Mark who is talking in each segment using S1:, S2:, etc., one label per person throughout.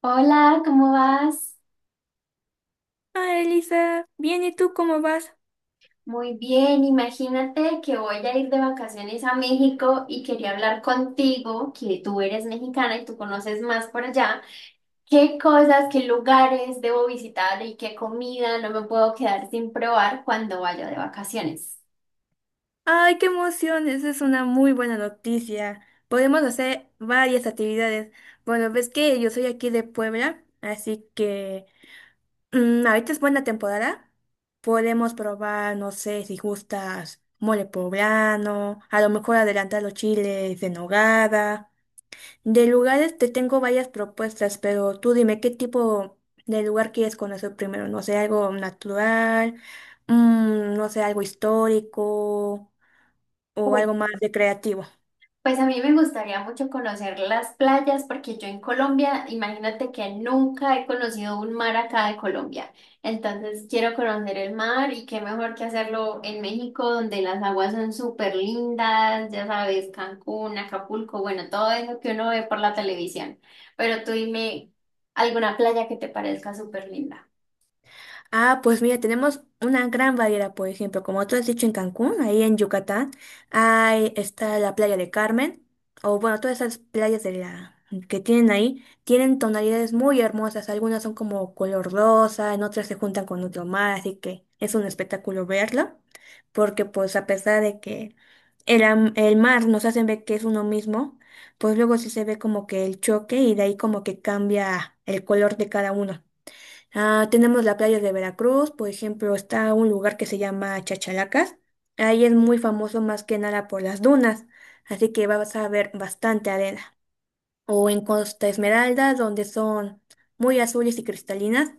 S1: Hola, ¿cómo vas?
S2: Ah, Elisa, bien, ¿y tú cómo vas?
S1: Muy bien, imagínate que voy a ir de vacaciones a México y quería hablar contigo, que tú eres mexicana y tú conoces más por allá. ¿Qué cosas, qué lugares debo visitar y qué comida no me puedo quedar sin probar cuando vaya de vacaciones?
S2: ¡Ay, qué emoción! Esa es una muy buena noticia. Podemos hacer varias actividades. Bueno, ves que yo soy aquí de Puebla, así que ahorita es buena temporada. Podemos probar, no sé, si gustas, mole poblano, a lo mejor adelantar los chiles de nogada. De lugares te tengo varias propuestas, pero tú dime qué tipo de lugar quieres conocer primero. No sé, algo natural, no sé, algo histórico o algo más recreativo.
S1: Pues a mí me gustaría mucho conocer las playas porque yo en Colombia, imagínate que nunca he conocido un mar acá de Colombia. Entonces quiero conocer el mar y qué mejor que hacerlo en México donde las aguas son súper lindas, ya sabes, Cancún, Acapulco, bueno, todo eso que uno ve por la televisión. Pero tú dime alguna playa que te parezca súper linda.
S2: Ah, pues mira, tenemos una gran variedad, por ejemplo, como tú has dicho en Cancún, ahí en Yucatán, ahí está la playa de Carmen, o bueno, todas esas playas de la que tienen ahí, tienen tonalidades muy hermosas, algunas son como color rosa, en otras se juntan con otro mar, así que es un espectáculo verlo, porque pues a pesar de que el mar nos hacen ver que es uno mismo, pues luego sí se ve como que el choque y de ahí como que cambia el color de cada uno. Ah, tenemos la playa de Veracruz, por ejemplo, está un lugar que se llama Chachalacas. Ahí es muy famoso más que nada por las dunas, así que vas a ver bastante arena. O en Costa Esmeralda, donde son muy azules y cristalinas,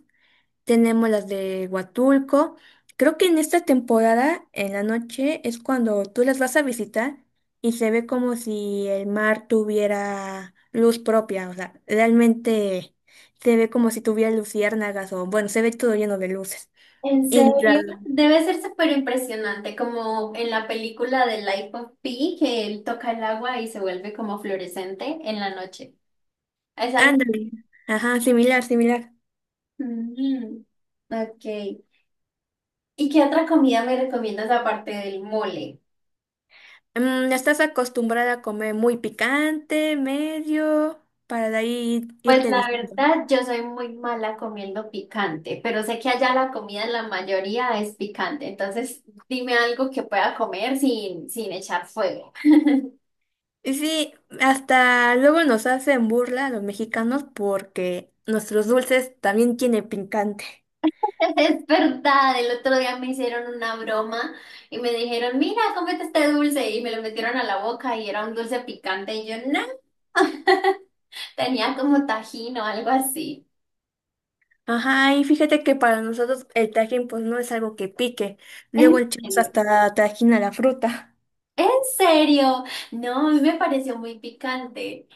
S2: tenemos las de Huatulco. Creo que en esta temporada, en la noche, es cuando tú las vas a visitar y se ve como si el mar tuviera luz propia. O sea, realmente se ve como si tuviera luciérnagas o, bueno, se ve todo lleno de luces.
S1: En
S2: Y la...
S1: serio, debe ser súper impresionante, como en la película de Life of Pi, que él toca el agua y se vuelve como fluorescente en la noche. Es algo.
S2: Ándale. Ajá, similar, similar.
S1: Mm, ok. ¿Y qué otra comida me recomiendas aparte del mole?
S2: Mm, ¿estás acostumbrada a comer muy picante, medio, para de ahí
S1: Pues
S2: irte
S1: la
S2: diciendo?
S1: verdad, yo soy muy mala comiendo picante, pero sé que allá la comida en la mayoría es picante, entonces dime algo que pueda comer sin echar fuego.
S2: Y sí, hasta luego nos hacen burla a los mexicanos porque nuestros dulces también tienen picante.
S1: Es verdad, el otro día me hicieron una broma y me dijeron, mira, cómete este dulce y me lo metieron a la boca y era un dulce picante y yo, no, tenía como tajín o algo así.
S2: Ajá, y fíjate que para nosotros el tajín pues no es algo que pique. Luego
S1: ¿En
S2: echamos
S1: serio?
S2: hasta tajín a la fruta.
S1: ¿En serio? No, a mí me pareció muy picante.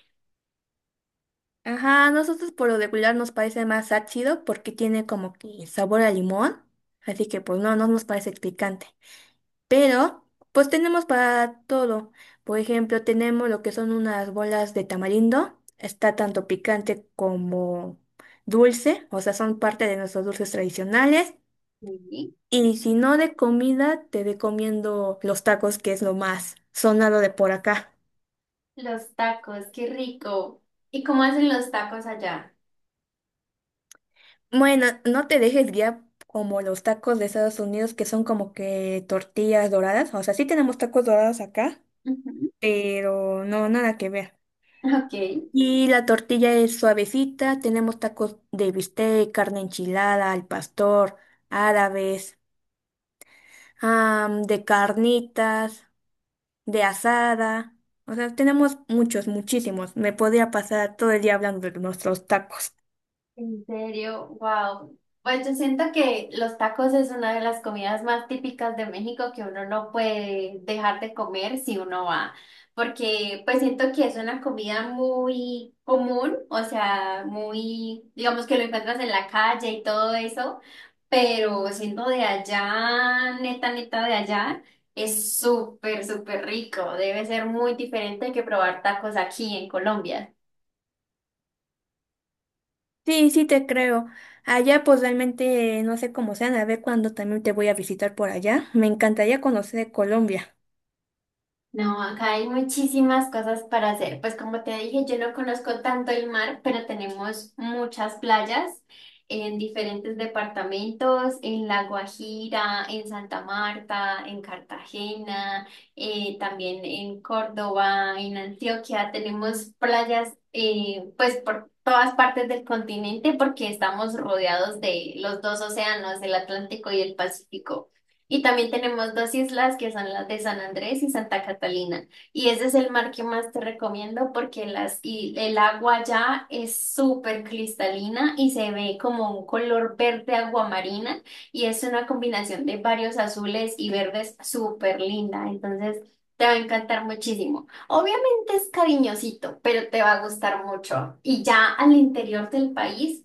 S2: Ajá, a nosotros por lo regular nos parece más ácido porque tiene como que sabor a limón. Así que pues no, no nos parece picante. Pero, pues tenemos para todo. Por ejemplo, tenemos lo que son unas bolas de tamarindo. Está tanto picante como dulce, o sea, son parte de nuestros dulces tradicionales.
S1: Sí.
S2: Y si no de comida, te recomiendo los tacos, que es lo más sonado de por acá.
S1: Los tacos, qué rico. ¿Y cómo hacen los tacos allá?
S2: Bueno, no te dejes guiar como los tacos de Estados Unidos, que son como que tortillas doradas. O sea, sí tenemos tacos dorados acá,
S1: Ujú.
S2: pero no, nada que ver.
S1: Ok.
S2: Y la tortilla es suavecita, tenemos tacos de bistec, carne enchilada, al pastor, árabes, de carnitas, de asada. O sea, tenemos muchos, muchísimos. Me podría pasar todo el día hablando de nuestros tacos.
S1: En serio, wow. Pues yo siento que los tacos es una de las comidas más típicas de México que uno no puede dejar de comer si uno va, porque pues siento que es una comida muy común, o sea, muy, digamos que lo encuentras en la calle y todo eso, pero siendo de allá, neta, neta de allá, es súper, súper rico. Debe ser muy diferente que probar tacos aquí en Colombia.
S2: Sí, sí te creo. Allá pues realmente no sé cómo sean, a ver cuándo también te voy a visitar por allá. Me encantaría conocer Colombia.
S1: No, acá hay muchísimas cosas para hacer. Pues como te dije, yo no conozco tanto el mar, pero tenemos muchas playas en diferentes departamentos, en La Guajira, en Santa Marta, en Cartagena, también en Córdoba, en Antioquia. Tenemos playas pues por todas partes del continente porque estamos rodeados de los dos océanos, el Atlántico y el Pacífico. Y también tenemos dos islas que son las de San Andrés y Santa Catalina. Y ese es el mar que más te recomiendo porque y el agua allá es súper cristalina y se ve como un color verde aguamarina y es una combinación de varios azules y verdes súper linda. Entonces te va a encantar muchísimo. Obviamente es cariñosito, pero te va a gustar mucho. Y ya al interior del país.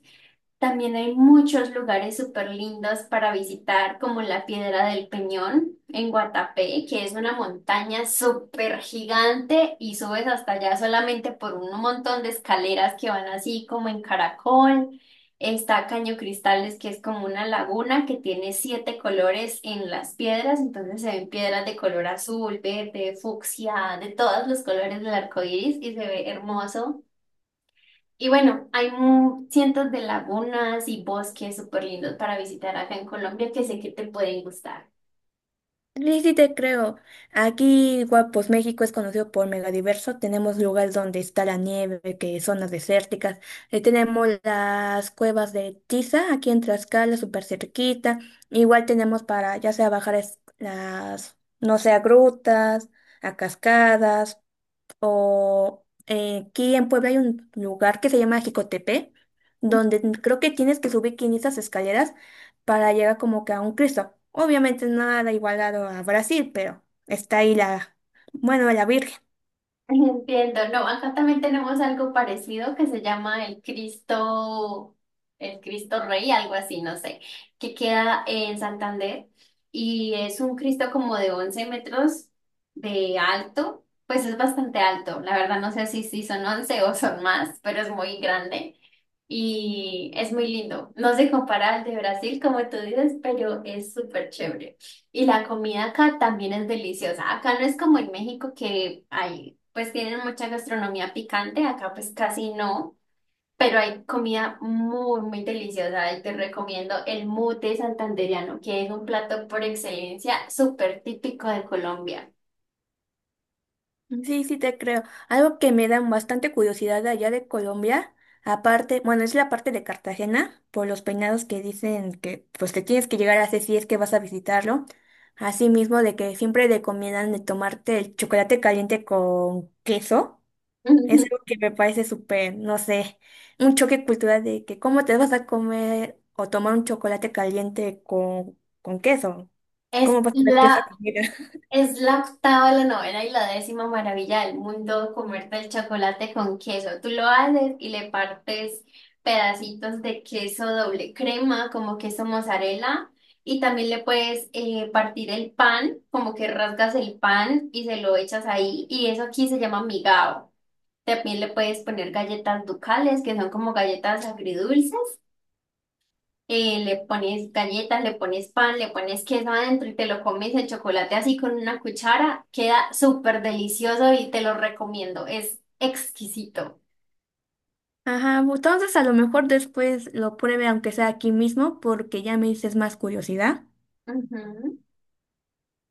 S1: También hay muchos lugares súper lindos para visitar, como la Piedra del Peñón en Guatapé, que es una montaña súper gigante y subes hasta allá solamente por un montón de escaleras que van así como en caracol. Está Caño Cristales, que es como una laguna que tiene siete colores en las piedras, entonces se ven piedras de color azul, verde, fucsia, de todos los colores del arco iris y se ve hermoso. Y bueno, hay cientos de lagunas y bosques súper lindos para visitar acá en Colombia que sé que te pueden gustar.
S2: Sí, sí te creo. Aquí, igual, pues México es conocido por megadiverso. Tenemos lugares donde está la nieve, que zonas desérticas. Tenemos las cuevas de Tiza, aquí en Tlaxcala, súper cerquita. Igual tenemos para, ya sea las, no sé, a grutas, a cascadas. O aquí en Puebla hay un lugar que se llama Jicotepe, donde creo que tienes que subir 500 escaleras para llegar como que a un Cristo. Obviamente nada igualado a Brasil, pero está ahí la, bueno, la Virgen.
S1: Entiendo, no, acá también tenemos algo parecido que se llama el Cristo Rey, algo así, no sé, que queda en Santander y es un Cristo como de 11 metros de alto, pues es bastante alto, la verdad no sé si son 11 o son más, pero es muy grande y es muy lindo, no se compara al de Brasil como tú dices, pero es súper chévere. Y la comida acá también es deliciosa. Acá no es como en México que hay, pues tienen mucha gastronomía picante, acá pues casi no, pero hay comida muy deliciosa. Y te recomiendo el mute santandereano, que es un plato por excelencia súper típico de Colombia.
S2: Sí, sí te creo. Algo que me da bastante curiosidad de allá de Colombia, aparte, bueno, es la parte de Cartagena, por los peinados que dicen que pues te tienes que llegar a hacer si es que vas a visitarlo. Asimismo, de que siempre recomiendan de tomarte el chocolate caliente con queso. Es algo que me parece súper, no sé, un choque cultural de que cómo te vas a comer o tomar un chocolate caliente con queso. ¿Cómo
S1: Es
S2: vas a comer queso
S1: la
S2: con?
S1: Es la octava, la novena y la décima maravilla del mundo comerte el chocolate con queso. Tú lo haces y le partes pedacitos de queso doble crema, como queso mozzarella, y también le puedes partir el pan, como que rasgas el pan y se lo echas ahí, y eso aquí se llama migao. También le puedes poner galletas ducales, que son como galletas agridulces, le pones galletas, le pones pan, le pones queso adentro y te lo comes el chocolate así con una cuchara. Queda súper delicioso y te lo recomiendo. Es exquisito.
S2: Ajá, entonces a lo mejor después lo pruebe aunque sea aquí mismo porque ya me dices más curiosidad.
S1: Ujú.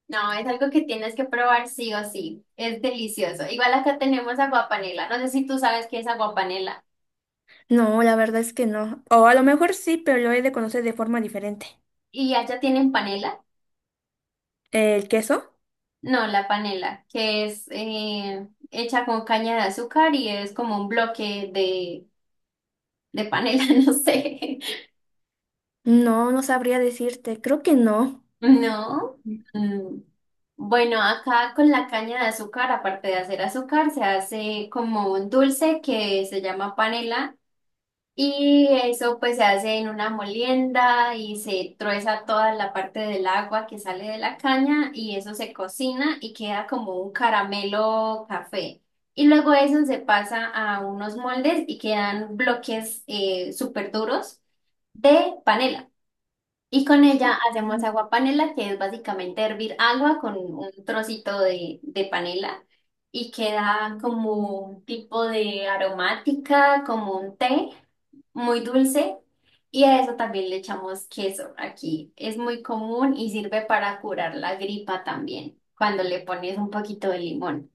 S1: No, es algo que tienes que probar sí o sí. Es delicioso. Igual acá tenemos aguapanela. No sé si tú sabes qué es aguapanela.
S2: No, la verdad es que no. O a lo mejor sí, pero lo he de conocer de forma diferente.
S1: ¿Y allá tienen panela?
S2: ¿El queso?
S1: No, la panela, que es hecha con caña de azúcar y es como un bloque de panela, no sé.
S2: No, no sabría decirte. Creo que no.
S1: No. Mm. Bueno, acá con la caña de azúcar, aparte de hacer azúcar, se hace como un dulce que se llama panela y eso pues se hace en una molienda y se trueza toda la parte del agua que sale de la caña y eso se cocina y queda como un caramelo café. Y luego eso se pasa a unos moldes y quedan bloques súper duros de panela. Y con ella hacemos
S2: Ujú.
S1: agua panela, que es básicamente hervir agua con un trocito de panela y queda como un tipo de aromática, como un té muy dulce. Y a eso también le echamos queso aquí. Es muy común y sirve para curar la gripa también, cuando le pones un poquito de limón.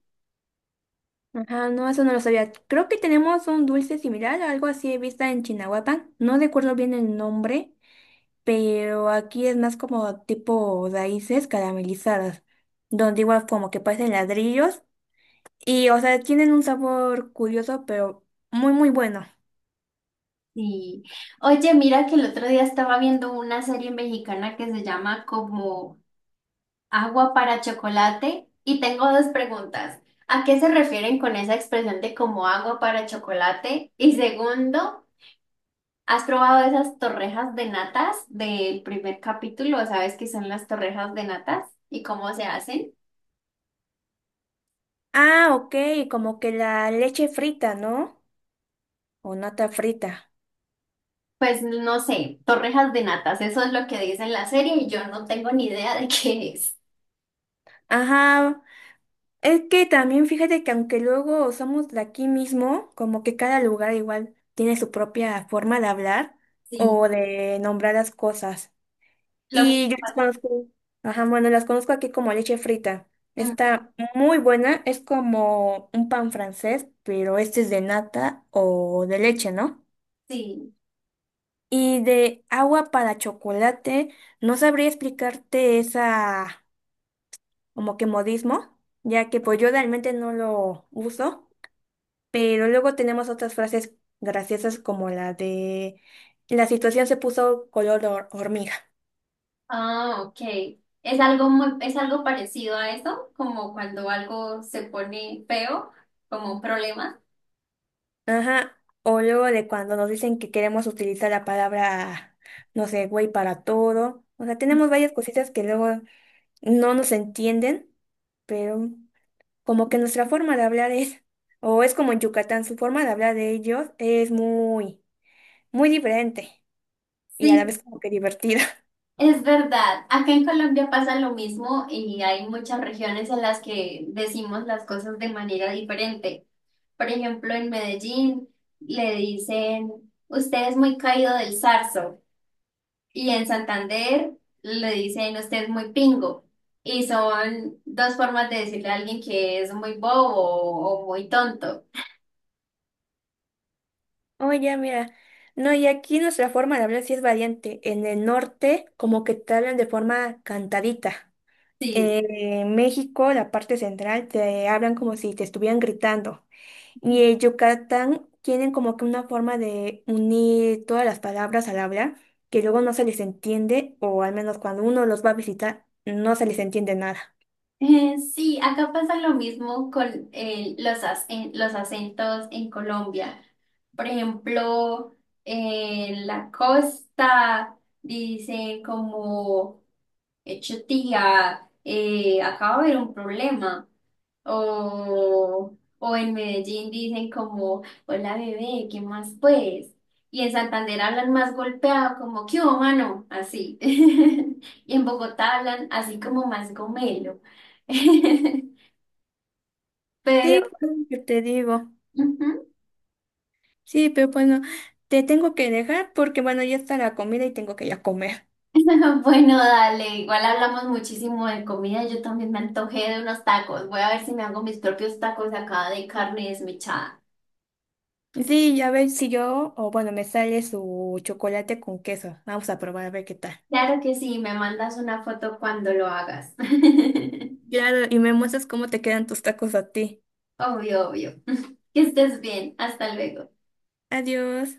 S2: Ajá, no, eso no lo sabía. Creo que tenemos un dulce similar, algo así he visto en Chinahuapan. No recuerdo bien el nombre, pero aquí es más como tipo raíces caramelizadas, donde igual como que parecen ladrillos. Y, o sea, tienen un sabor curioso, pero muy, muy bueno.
S1: Sí. Oye, mira que el otro día estaba viendo una serie mexicana que se llama como Agua para chocolate. Y tengo dos preguntas. ¿A qué se refieren con esa expresión de como agua para chocolate? Y segundo, ¿has probado esas torrejas de natas del primer capítulo? ¿Sabes qué son las torrejas de natas y cómo se hacen?
S2: Ah, ok, como que la leche frita, ¿no? O nata frita.
S1: Pues no sé, torrejas de natas, eso es lo que dice en la serie y yo no tengo ni idea de qué es.
S2: Ajá, es que también fíjate que aunque luego somos de aquí mismo, como que cada lugar igual tiene su propia forma de hablar
S1: Sí,
S2: o de nombrar las cosas.
S1: lo mismo
S2: Y yo las
S1: pasa.
S2: conozco, ajá, bueno, las conozco aquí como leche frita.
S1: Mm,
S2: Está muy buena, es como un pan francés, pero este es de nata o de leche, ¿no?
S1: sí.
S2: Y de agua para chocolate, no sabría explicarte esa como que modismo, ya que pues yo realmente no lo uso, pero luego tenemos otras frases graciosas como la de la situación se puso color hormiga.
S1: Ah, ok. Es algo parecido a eso, como cuando algo se pone feo, como un problema.
S2: Ajá, o luego de cuando nos dicen que queremos utilizar la palabra, no sé, güey, para todo. O sea, tenemos varias cositas que luego no nos entienden, pero como que nuestra forma de hablar es, o es como en Yucatán, su forma de hablar de ellos es muy, muy diferente y a
S1: Sí,
S2: la vez como que divertida.
S1: es verdad. Acá en Colombia pasa lo mismo y hay muchas regiones en las que decimos las cosas de manera diferente. Por ejemplo, en Medellín le dicen, usted es muy caído del zarzo. Y en Santander le dicen usted es muy pingo. Y son dos formas de decirle a alguien que es muy bobo o muy tonto.
S2: Oye, mira, no, y aquí nuestra forma de hablar sí es variante. En el norte como que te hablan de forma cantadita.
S1: Sí.
S2: En México, la parte central, te hablan como si te estuvieran gritando. Y el Yucatán tienen como que una forma de unir todas las palabras al hablar, que luego no se les entiende, o al menos cuando uno los va a visitar, no se les entiende nada.
S1: Sí, acá pasa lo mismo con los acentos en Colombia. Por ejemplo, en la costa dicen como, hecho tía, acaba de haber un problema. O en Medellín dicen como, hola bebé, ¿qué más pues? Y en Santander hablan más golpeado, como, ¿qué hubo, mano? Así. Y en Bogotá hablan así como más gomelo.
S2: Sí,
S1: Pero,
S2: pues, yo te digo.
S1: ujú.
S2: Sí, pero bueno, te tengo que dejar porque bueno, ya está la comida y tengo que ir a comer.
S1: Bueno, dale, igual hablamos muchísimo de comida. Yo también me antojé de unos tacos. Voy a ver si me hago mis propios tacos acá de carne desmechada.
S2: Sí, ya ver si yo, o bueno, me sale su chocolate con queso. Vamos a probar a ver qué tal.
S1: Claro que sí, me mandas una foto cuando lo hagas.
S2: Claro, y me muestras cómo te quedan tus tacos a ti.
S1: Obvio, obvio. Que estés bien. Hasta luego.
S2: Adiós.